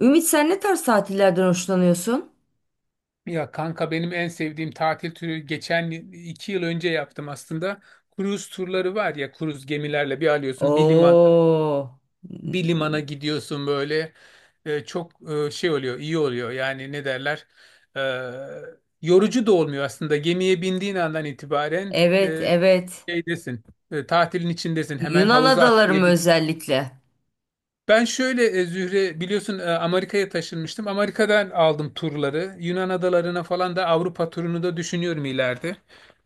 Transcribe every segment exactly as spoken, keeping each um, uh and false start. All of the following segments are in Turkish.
Ümit sen ne tarz tatillerden hoşlanıyorsun? Ya kanka benim en sevdiğim tatil türü geçen iki yıl önce yaptım aslında. Kruz turları var ya, kruz gemilerle bir alıyorsun, bir liman Oo. bir limana gidiyorsun böyle. E, çok e, şey oluyor, iyi oluyor yani, ne derler, E, yorucu da olmuyor aslında. Gemiye bindiğin andan itibaren Evet, e, evet. şeydesin, e, tatilin içindesin, hemen Yunan havuza adaları mı atlayabilirsin. özellikle? Ben şöyle, e, Zühre biliyorsun, e, Amerika'ya taşınmıştım. Amerika'dan aldım turları. Yunan adalarına falan da, Avrupa turunu da düşünüyorum ileride.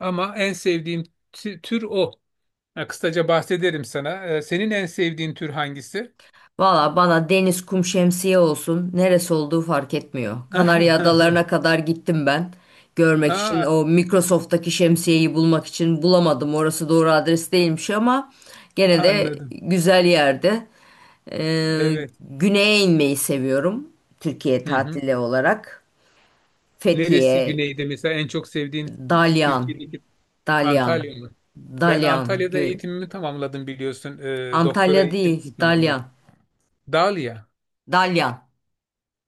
Ama en sevdiğim tü- tür o. Ha, kısaca bahsederim sana. E, Senin en sevdiğin tür hangisi? Valla bana deniz, kum, şemsiye olsun. Neresi olduğu fark etmiyor. Kanarya adalarına kadar gittim ben. Görmek için Aa, o Microsoft'taki şemsiyeyi bulmak için bulamadım. Orası doğru adres değilmiş ama gene de anladım. güzel yerde. Ee, Evet. Güneye inmeyi seviyorum. Türkiye Hı hı. tatili olarak. Neresi Fethiye, güneyde mesela en çok sevdiğin e, Dalyan, Türkiye'deki, Dalyan, Antalya mı? Ben Dalyan, Antalya'da Gö- eğitimimi tamamladım biliyorsun. E, doktora Antalya değil, eğitimimi Dalyan, tamamladım. Dalia. Dalyan,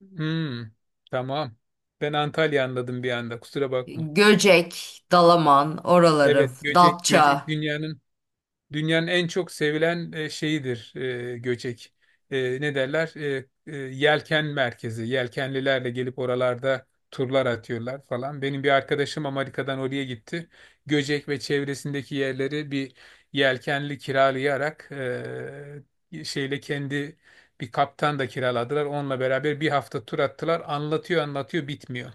Hmm, tamam. Ben Antalya anladım bir anda. Kusura bakma. Göcek, Dalaman, oraları, Evet, göcek göcek Datça. dünyanın dünyanın en çok sevilen e, şeyidir e, göcek. E, ne derler? E, e, yelken merkezi. Yelkenlilerle gelip oralarda turlar atıyorlar falan. Benim bir arkadaşım Amerika'dan oraya gitti. Göcek ve çevresindeki yerleri bir yelkenli kiralayarak, e, şeyle kendi bir kaptan da kiraladılar. Onunla beraber bir hafta tur attılar. Anlatıyor anlatıyor bitmiyor.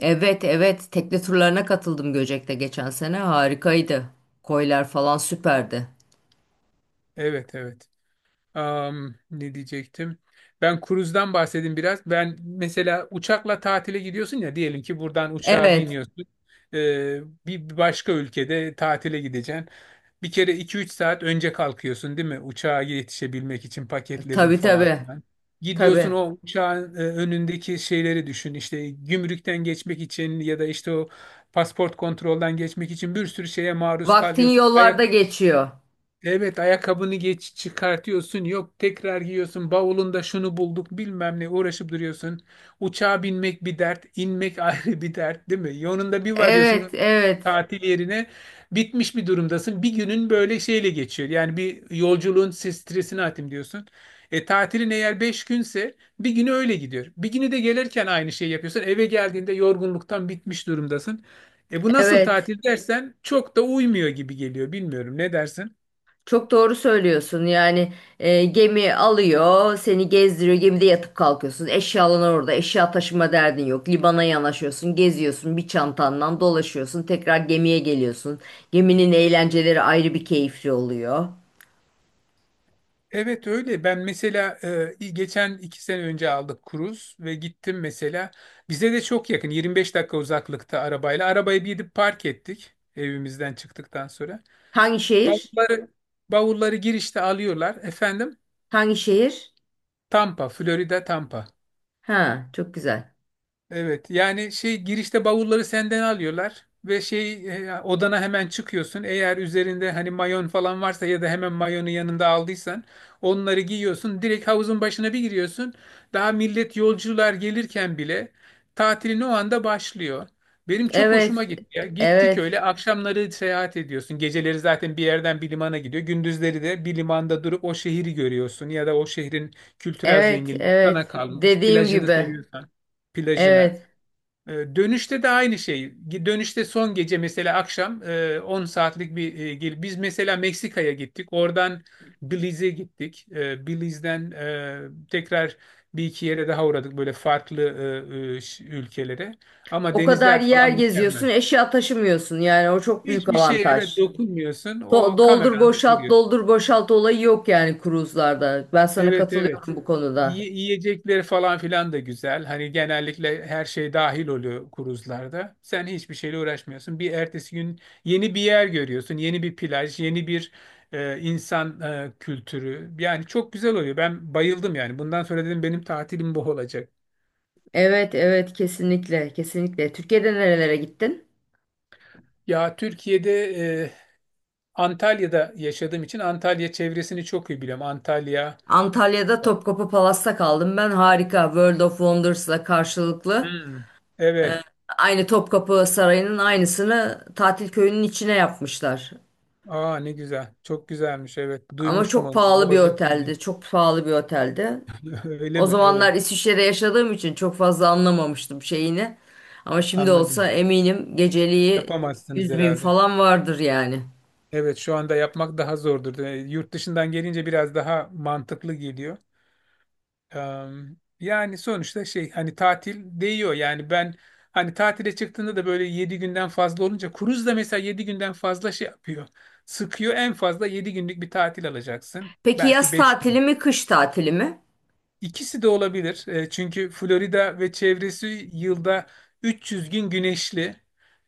Evet, evet, tekne turlarına katıldım Göcek'te geçen sene, harikaydı. Koylar falan süperdi. Evet evet. Am, ne diyecektim? Ben kruzdan bahsedeyim biraz. Ben mesela uçakla tatile gidiyorsun ya, diyelim ki buradan uçağa Evet, biniyorsun. Ee, bir başka ülkede tatile gideceksin. Bir kere iki üç saat önce kalkıyorsun değil mi? Uçağa yetişebilmek için paketledin tabii falan tabii, filan. Gidiyorsun, tabii. o uçağın e, önündeki şeyleri düşün. İşte gümrükten geçmek için, ya da işte o pasport kontrolden geçmek için bir sürü şeye maruz Vaktin kalıyorsun. yollarda Ayak. geçiyor. Evet, ayakkabını geç çıkartıyorsun, yok tekrar giyiyorsun, bavulunda şunu bulduk bilmem ne, uğraşıp duruyorsun. Uçağa binmek bir dert, inmek ayrı bir dert, değil mi? Yolunda bir Evet, varıyorsun evet, tatil yerine, bitmiş bir durumdasın, bir günün böyle şeyle geçiyor. Yani bir yolculuğun stres- stresini atayım diyorsun. E, tatilin eğer beş günse bir günü öyle gidiyor. Bir günü de gelirken aynı şeyi yapıyorsun, eve geldiğinde yorgunluktan bitmiş durumdasın. E bu nasıl evet. tatil dersen çok da uymuyor gibi geliyor, bilmiyorum ne dersin? Çok doğru söylüyorsun. Yani e, gemi alıyor, seni gezdiriyor. Gemide yatıp kalkıyorsun. Eşyalan orada. Eşya taşıma derdin yok. Libana yanaşıyorsun, geziyorsun. Bir çantandan dolaşıyorsun. Tekrar gemiye geliyorsun. Geminin eğlenceleri ayrı bir keyifli oluyor. Evet öyle. Ben mesela e, geçen iki sene önce aldık kruz ve gittim mesela. Bize de çok yakın, yirmi beş dakika uzaklıkta arabayla. Arabayı bir gidip park ettik evimizden çıktıktan sonra. Hangi şehir? Bavulları, bavulları girişte alıyorlar. Efendim. Hangi şehir? Tampa, Florida Tampa. Ha, çok güzel. Evet yani şey, girişte bavulları senden alıyorlar ve şey, e, odana hemen çıkıyorsun. Eğer üzerinde hani mayon falan varsa ya da hemen mayonu yanında aldıysan onları giyiyorsun. Direkt havuzun başına bir giriyorsun. Daha millet, yolcular gelirken bile tatilin o anda başlıyor. Benim çok Evet. hoşuma gitti ya. Gittik, Evet. öyle akşamları seyahat ediyorsun. Geceleri zaten bir yerden bir limana gidiyor. Gündüzleri de bir limanda durup o şehri görüyorsun ya da o şehrin kültürel Evet, zenginliği evet. sana kalmış. Dediğim Plajını gibi. seviyorsan plajına. Evet. E, Dönüşte de aynı şey. Dönüşte son gece mesela akşam e, on saatlik bir e, gel- biz mesela Meksika'ya gittik. Oradan Belize'e gittik. E, Belize'den e, tekrar bir iki yere daha uğradık, böyle farklı e, e, ş- ülkelere. Ama O kadar denizler yer falan mükemmel. geziyorsun, eşya taşımıyorsun. Yani o çok büyük Hiçbir şey, evet, avantaj. dokunmuyorsun. Do- O Doldur kameranda boşalt duruyor. doldur boşalt olayı yok yani kruzlarda. Ben sana Evet evet. katılıyorum bu konuda. Yi- Yiyecekleri falan filan da güzel. Hani genellikle her şey dahil oluyor kruzlarda. Sen hiçbir şeyle uğraşmıyorsun. Bir ertesi gün yeni bir yer görüyorsun. Yeni bir plaj, yeni bir e, insan e, kültürü. Yani çok güzel oluyor. Ben bayıldım yani. Bundan sonra dedim benim tatilim bu olacak. Evet evet, kesinlikle kesinlikle. Türkiye'de nerelere gittin? Ya Türkiye'de, e, Antalya'da yaşadığım için Antalya çevresini çok iyi biliyorum. Antalya. Antalya'da Topkapı Palas'ta kaldım. Ben harika World of Wonders'la karşılıklı. Hmm. Evet. Aynı Topkapı Sarayı'nın aynısını tatil köyünün içine yapmışlar. Aa, ne güzel. Çok güzelmiş. Evet. Ama Duymuştum çok onu pahalı bu bir arada. oteldi. Çok pahalı bir oteldi. Öyle O mi? zamanlar Evet, İsviçre'de yaşadığım için çok fazla anlamamıştım şeyini. Ama şimdi olsa anladım. eminim geceliği Yapamazsınız yüz bin herhalde. falan vardır yani. Evet, şu anda yapmak daha zordur. Ee, Yurt dışından gelince biraz daha mantıklı geliyor. Eee, Yani sonuçta şey, hani tatil değiyor. Yani ben hani tatile çıktığında da böyle yedi günden fazla olunca, kruz da mesela yedi günden fazla şey yapıyor. Sıkıyor. En fazla yedi günlük bir tatil alacaksın. Peki Belki yaz beş tatili gün. mi kış tatili mi? İkisi de olabilir. E, çünkü Florida ve çevresi yılda üç yüz gün güneşli.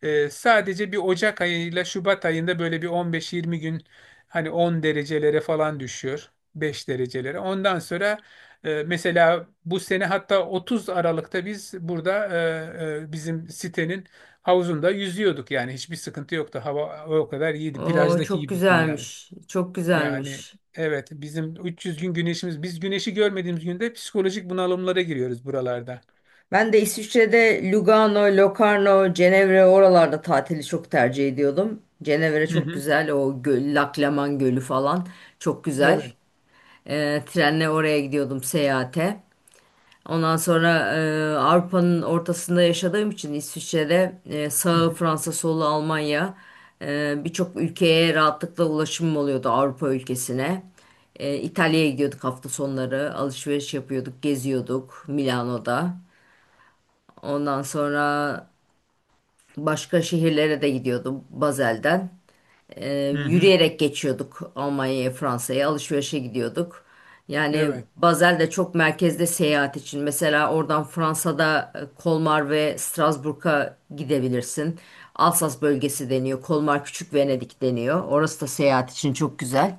E, sadece bir Ocak ayıyla Şubat ayında böyle bir on beş yirmi gün hani on derecelere falan düşüyor. beş derecelere. Ondan sonra e, mesela bu sene hatta otuz Aralık'ta biz burada, e, e, bizim sitenin havuzunda yüzüyorduk. Yani hiçbir sıkıntı yoktu. Hava o kadar iyiydi. Oo Plajdaki çok gibisin yani. güzelmiş. Çok Yani güzelmiş. evet, bizim üç yüz gün güneşimiz, biz güneşi görmediğimiz günde psikolojik bunalımlara giriyoruz buralarda. Ben de İsviçre'de Lugano, Locarno, Cenevre oralarda tatili çok tercih ediyordum. Cenevre Hı çok hı. güzel. O göl, Laklaman Gölü falan çok güzel. Evet. Ee, trenle oraya gidiyordum seyahate. Ondan sonra e, Avrupa'nın ortasında yaşadığım için İsviçre'de e, Hı sağı hı. Fransa, solu Almanya, e, birçok ülkeye rahatlıkla ulaşımım oluyordu Avrupa ülkesine. E, İtalya'ya gidiyorduk hafta sonları, alışveriş yapıyorduk, geziyorduk Milano'da. Ondan sonra başka şehirlere de gidiyordum Bazel'den. Ee, Hı hı. Yürüyerek geçiyorduk Almanya'ya, Fransa'ya alışverişe gidiyorduk. Yani Evet. Basel de çok merkezde seyahat için. Mesela oradan Fransa'da e, Kolmar ve Strasbourg'a gidebilirsin. Alsas bölgesi deniyor. Kolmar Küçük Venedik deniyor. Orası da seyahat için çok güzel.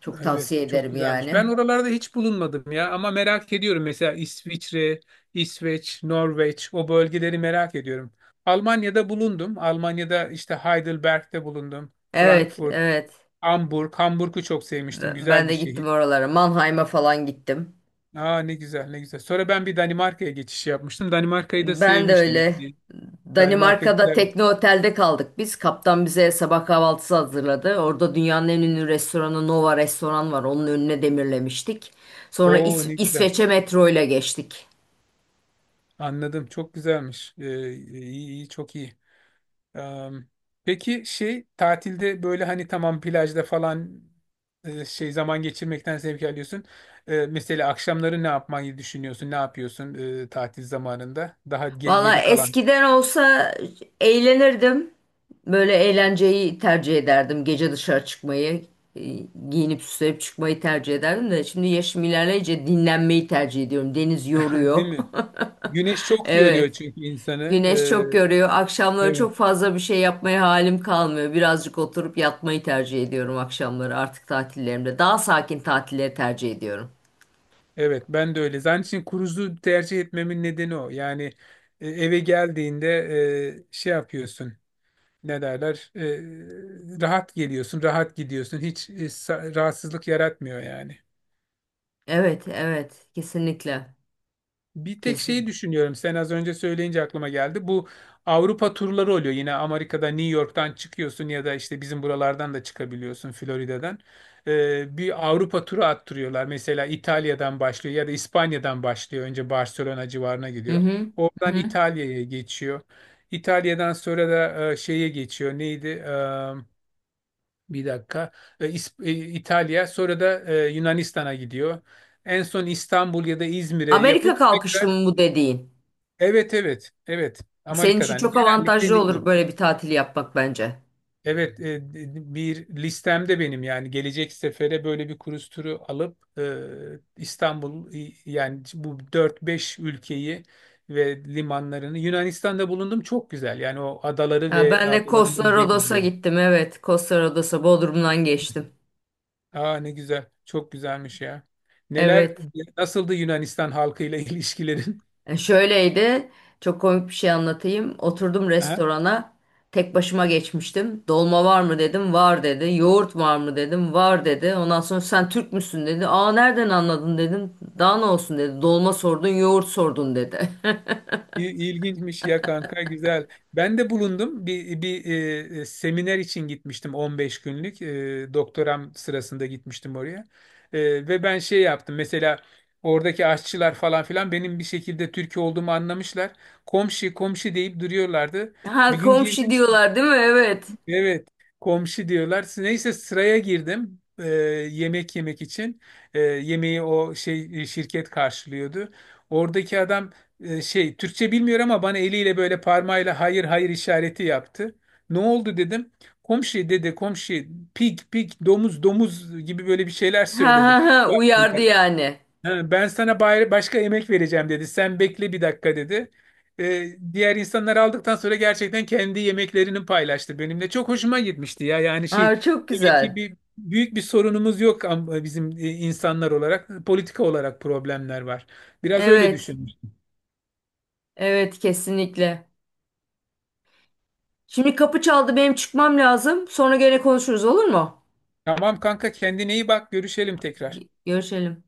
Çok tavsiye Evet. Çok ederim güzelmiş. yani. Ben oralarda hiç bulunmadım ya ama merak ediyorum. Mesela İsviçre, İsveç, Norveç, o bölgeleri merak ediyorum. Almanya'da bulundum. Almanya'da işte Heidelberg'de bulundum. Evet, Frankfurt, evet. Hamburg. Hamburg'u çok sevmiştim. Ben Güzel bir de gittim şehir. oralara. Mannheim'a falan gittim. Aa, ne güzel, ne güzel. Sonra ben bir Danimarka'ya geçiş yapmıştım. Danimarka'yı da Ben de sevmiştim. öyle. Yani Danimarka Danimarka'da güzel. tekne otelde kaldık biz. Kaptan bize sabah kahvaltısı hazırladı. Orada dünyanın en ünlü restoranı Nova restoran var. Onun önüne demirlemiştik. Sonra Oo, İs- ne güzel. İsveç'e metro ile geçtik. Anladım. Çok güzelmiş. Ee, iyi, iyi, çok iyi. Am, peki şey, tatilde böyle hani, tamam, plajda falan e, şey zaman geçirmekten zevk alıyorsun. E, mesela akşamları ne yapmayı düşünüyorsun? Ne yapıyorsun e, tatil zamanında? Daha ge- Valla geri kalan, eskiden olsa eğlenirdim. Böyle eğlenceyi tercih ederdim. Gece dışarı çıkmayı, e, giyinip süslenip çıkmayı tercih ederdim de şimdi yaşım ilerleyince dinlenmeyi tercih ediyorum. Deniz yoruyor. değil mi? Güneş çok yoruyor Evet. çünkü insanı. Güneş Ee, çok görüyor. Akşamları çok evet. fazla bir şey yapmaya halim kalmıyor. Birazcık oturup yatmayı tercih ediyorum akşamları artık tatillerimde. Daha sakin tatilleri tercih ediyorum. Evet, ben de öyle. Zaten için cruise'u tercih etmemin nedeni o. Yani e, eve geldiğinde e, şey yapıyorsun, ne derler, e, rahat geliyorsun, rahat gidiyorsun. Hiç e, sa- rahatsızlık yaratmıyor yani. Evet, evet. Kesinlikle. Bir tek Kesin. şeyi düşünüyorum. Sen az önce söyleyince aklıma geldi. Bu Avrupa turları oluyor. Yine Amerika'da New York'tan çıkıyorsun ya da işte bizim buralardan da çıkabiliyorsun Florida'dan. E, bir Avrupa turu attırıyorlar. Mesela İtalya'dan başlıyor ya da İspanya'dan başlıyor. Önce Barcelona civarına Hı gidiyor. hı. Hı Oradan hı. İtalya'ya geçiyor. İtalya'dan sonra da e, şeye geçiyor. Neydi? Bir dakika. E, İs- e, İtalya, sonra da e, Yunanistan'a gidiyor. En son İstanbul ya da İzmir'e Amerika yapıp kalkışlı tekrar, mı bu dediğin? evet evet evet, Senin için Amerika'dan, çok genellikle avantajlı New olur York. böyle bir tatil yapmak bence. Evet, e, e, bir listemde benim yani gelecek sefere böyle bir cruise turu alıp e, İstanbul i- yani bu dört beş ülkeyi ve limanlarını. Yunanistan'da bulundum, çok güzel. Yani o adaları Ya ve ben de Costa adalarının Rodos'a denizleri. gittim. Evet, Costa Rodos'a Bodrum'dan geçtim. Aa, ne güzel. Çok güzelmiş ya. Neler, Evet. nasıldı Yunanistan halkıyla ilişkilerin? E, şöyleydi. Çok komik bir şey anlatayım. Oturdum Aha, restorana. Tek başıma geçmiştim. Dolma var mı dedim. Var dedi. Yoğurt var mı dedim. Var dedi. Ondan sonra sen Türk müsün dedi. Aa nereden anladın dedim. Daha ne olsun dedi. Dolma sordun, yoğurt sordun dedi. İl- İlginçmiş ya kanka, güzel. Ben de bulundum. Bir, bir e, e, seminer için gitmiştim, on beş günlük. E, doktoram sırasında gitmiştim oraya. E, ve ben şey yaptım. Mesela oradaki aşçılar falan filan benim bir şekilde Türk olduğumu anlamışlar. Komşu komşu deyip duruyorlardı. Ha, Bir gün komşu girdim. diyorlar değil mi? Evet. Evet, komşu diyorlar. Neyse sıraya girdim e, yemek yemek için. E, yemeği o şey, e, şirket karşılıyordu. Oradaki adam e, şey, Türkçe bilmiyor ama bana eliyle böyle parmağıyla hayır hayır işareti yaptı. Ne oldu dedim. Komşu dedi, komşu, pig pig, domuz domuz gibi böyle bir şeyler Ha ha söyledi. Pig ha, var uyardı bunda. yani. Ha, ben sana bayra- başka emek vereceğim dedi. Sen bekle bir dakika dedi. Ee, diğer insanlar aldıktan sonra gerçekten kendi yemeklerini paylaştı benimle. Çok hoşuma gitmişti ya. Yani şey, Aa çok demek ki güzel. bir büyük bir sorunumuz yok am- bizim e, insanlar olarak. Politika olarak problemler var. Biraz öyle Evet. düşünmüş. Evet kesinlikle. Şimdi kapı çaldı benim çıkmam lazım. Sonra gene konuşuruz olur mu? Tamam kanka, kendine iyi bak. Görüşelim tekrar. Görüşelim.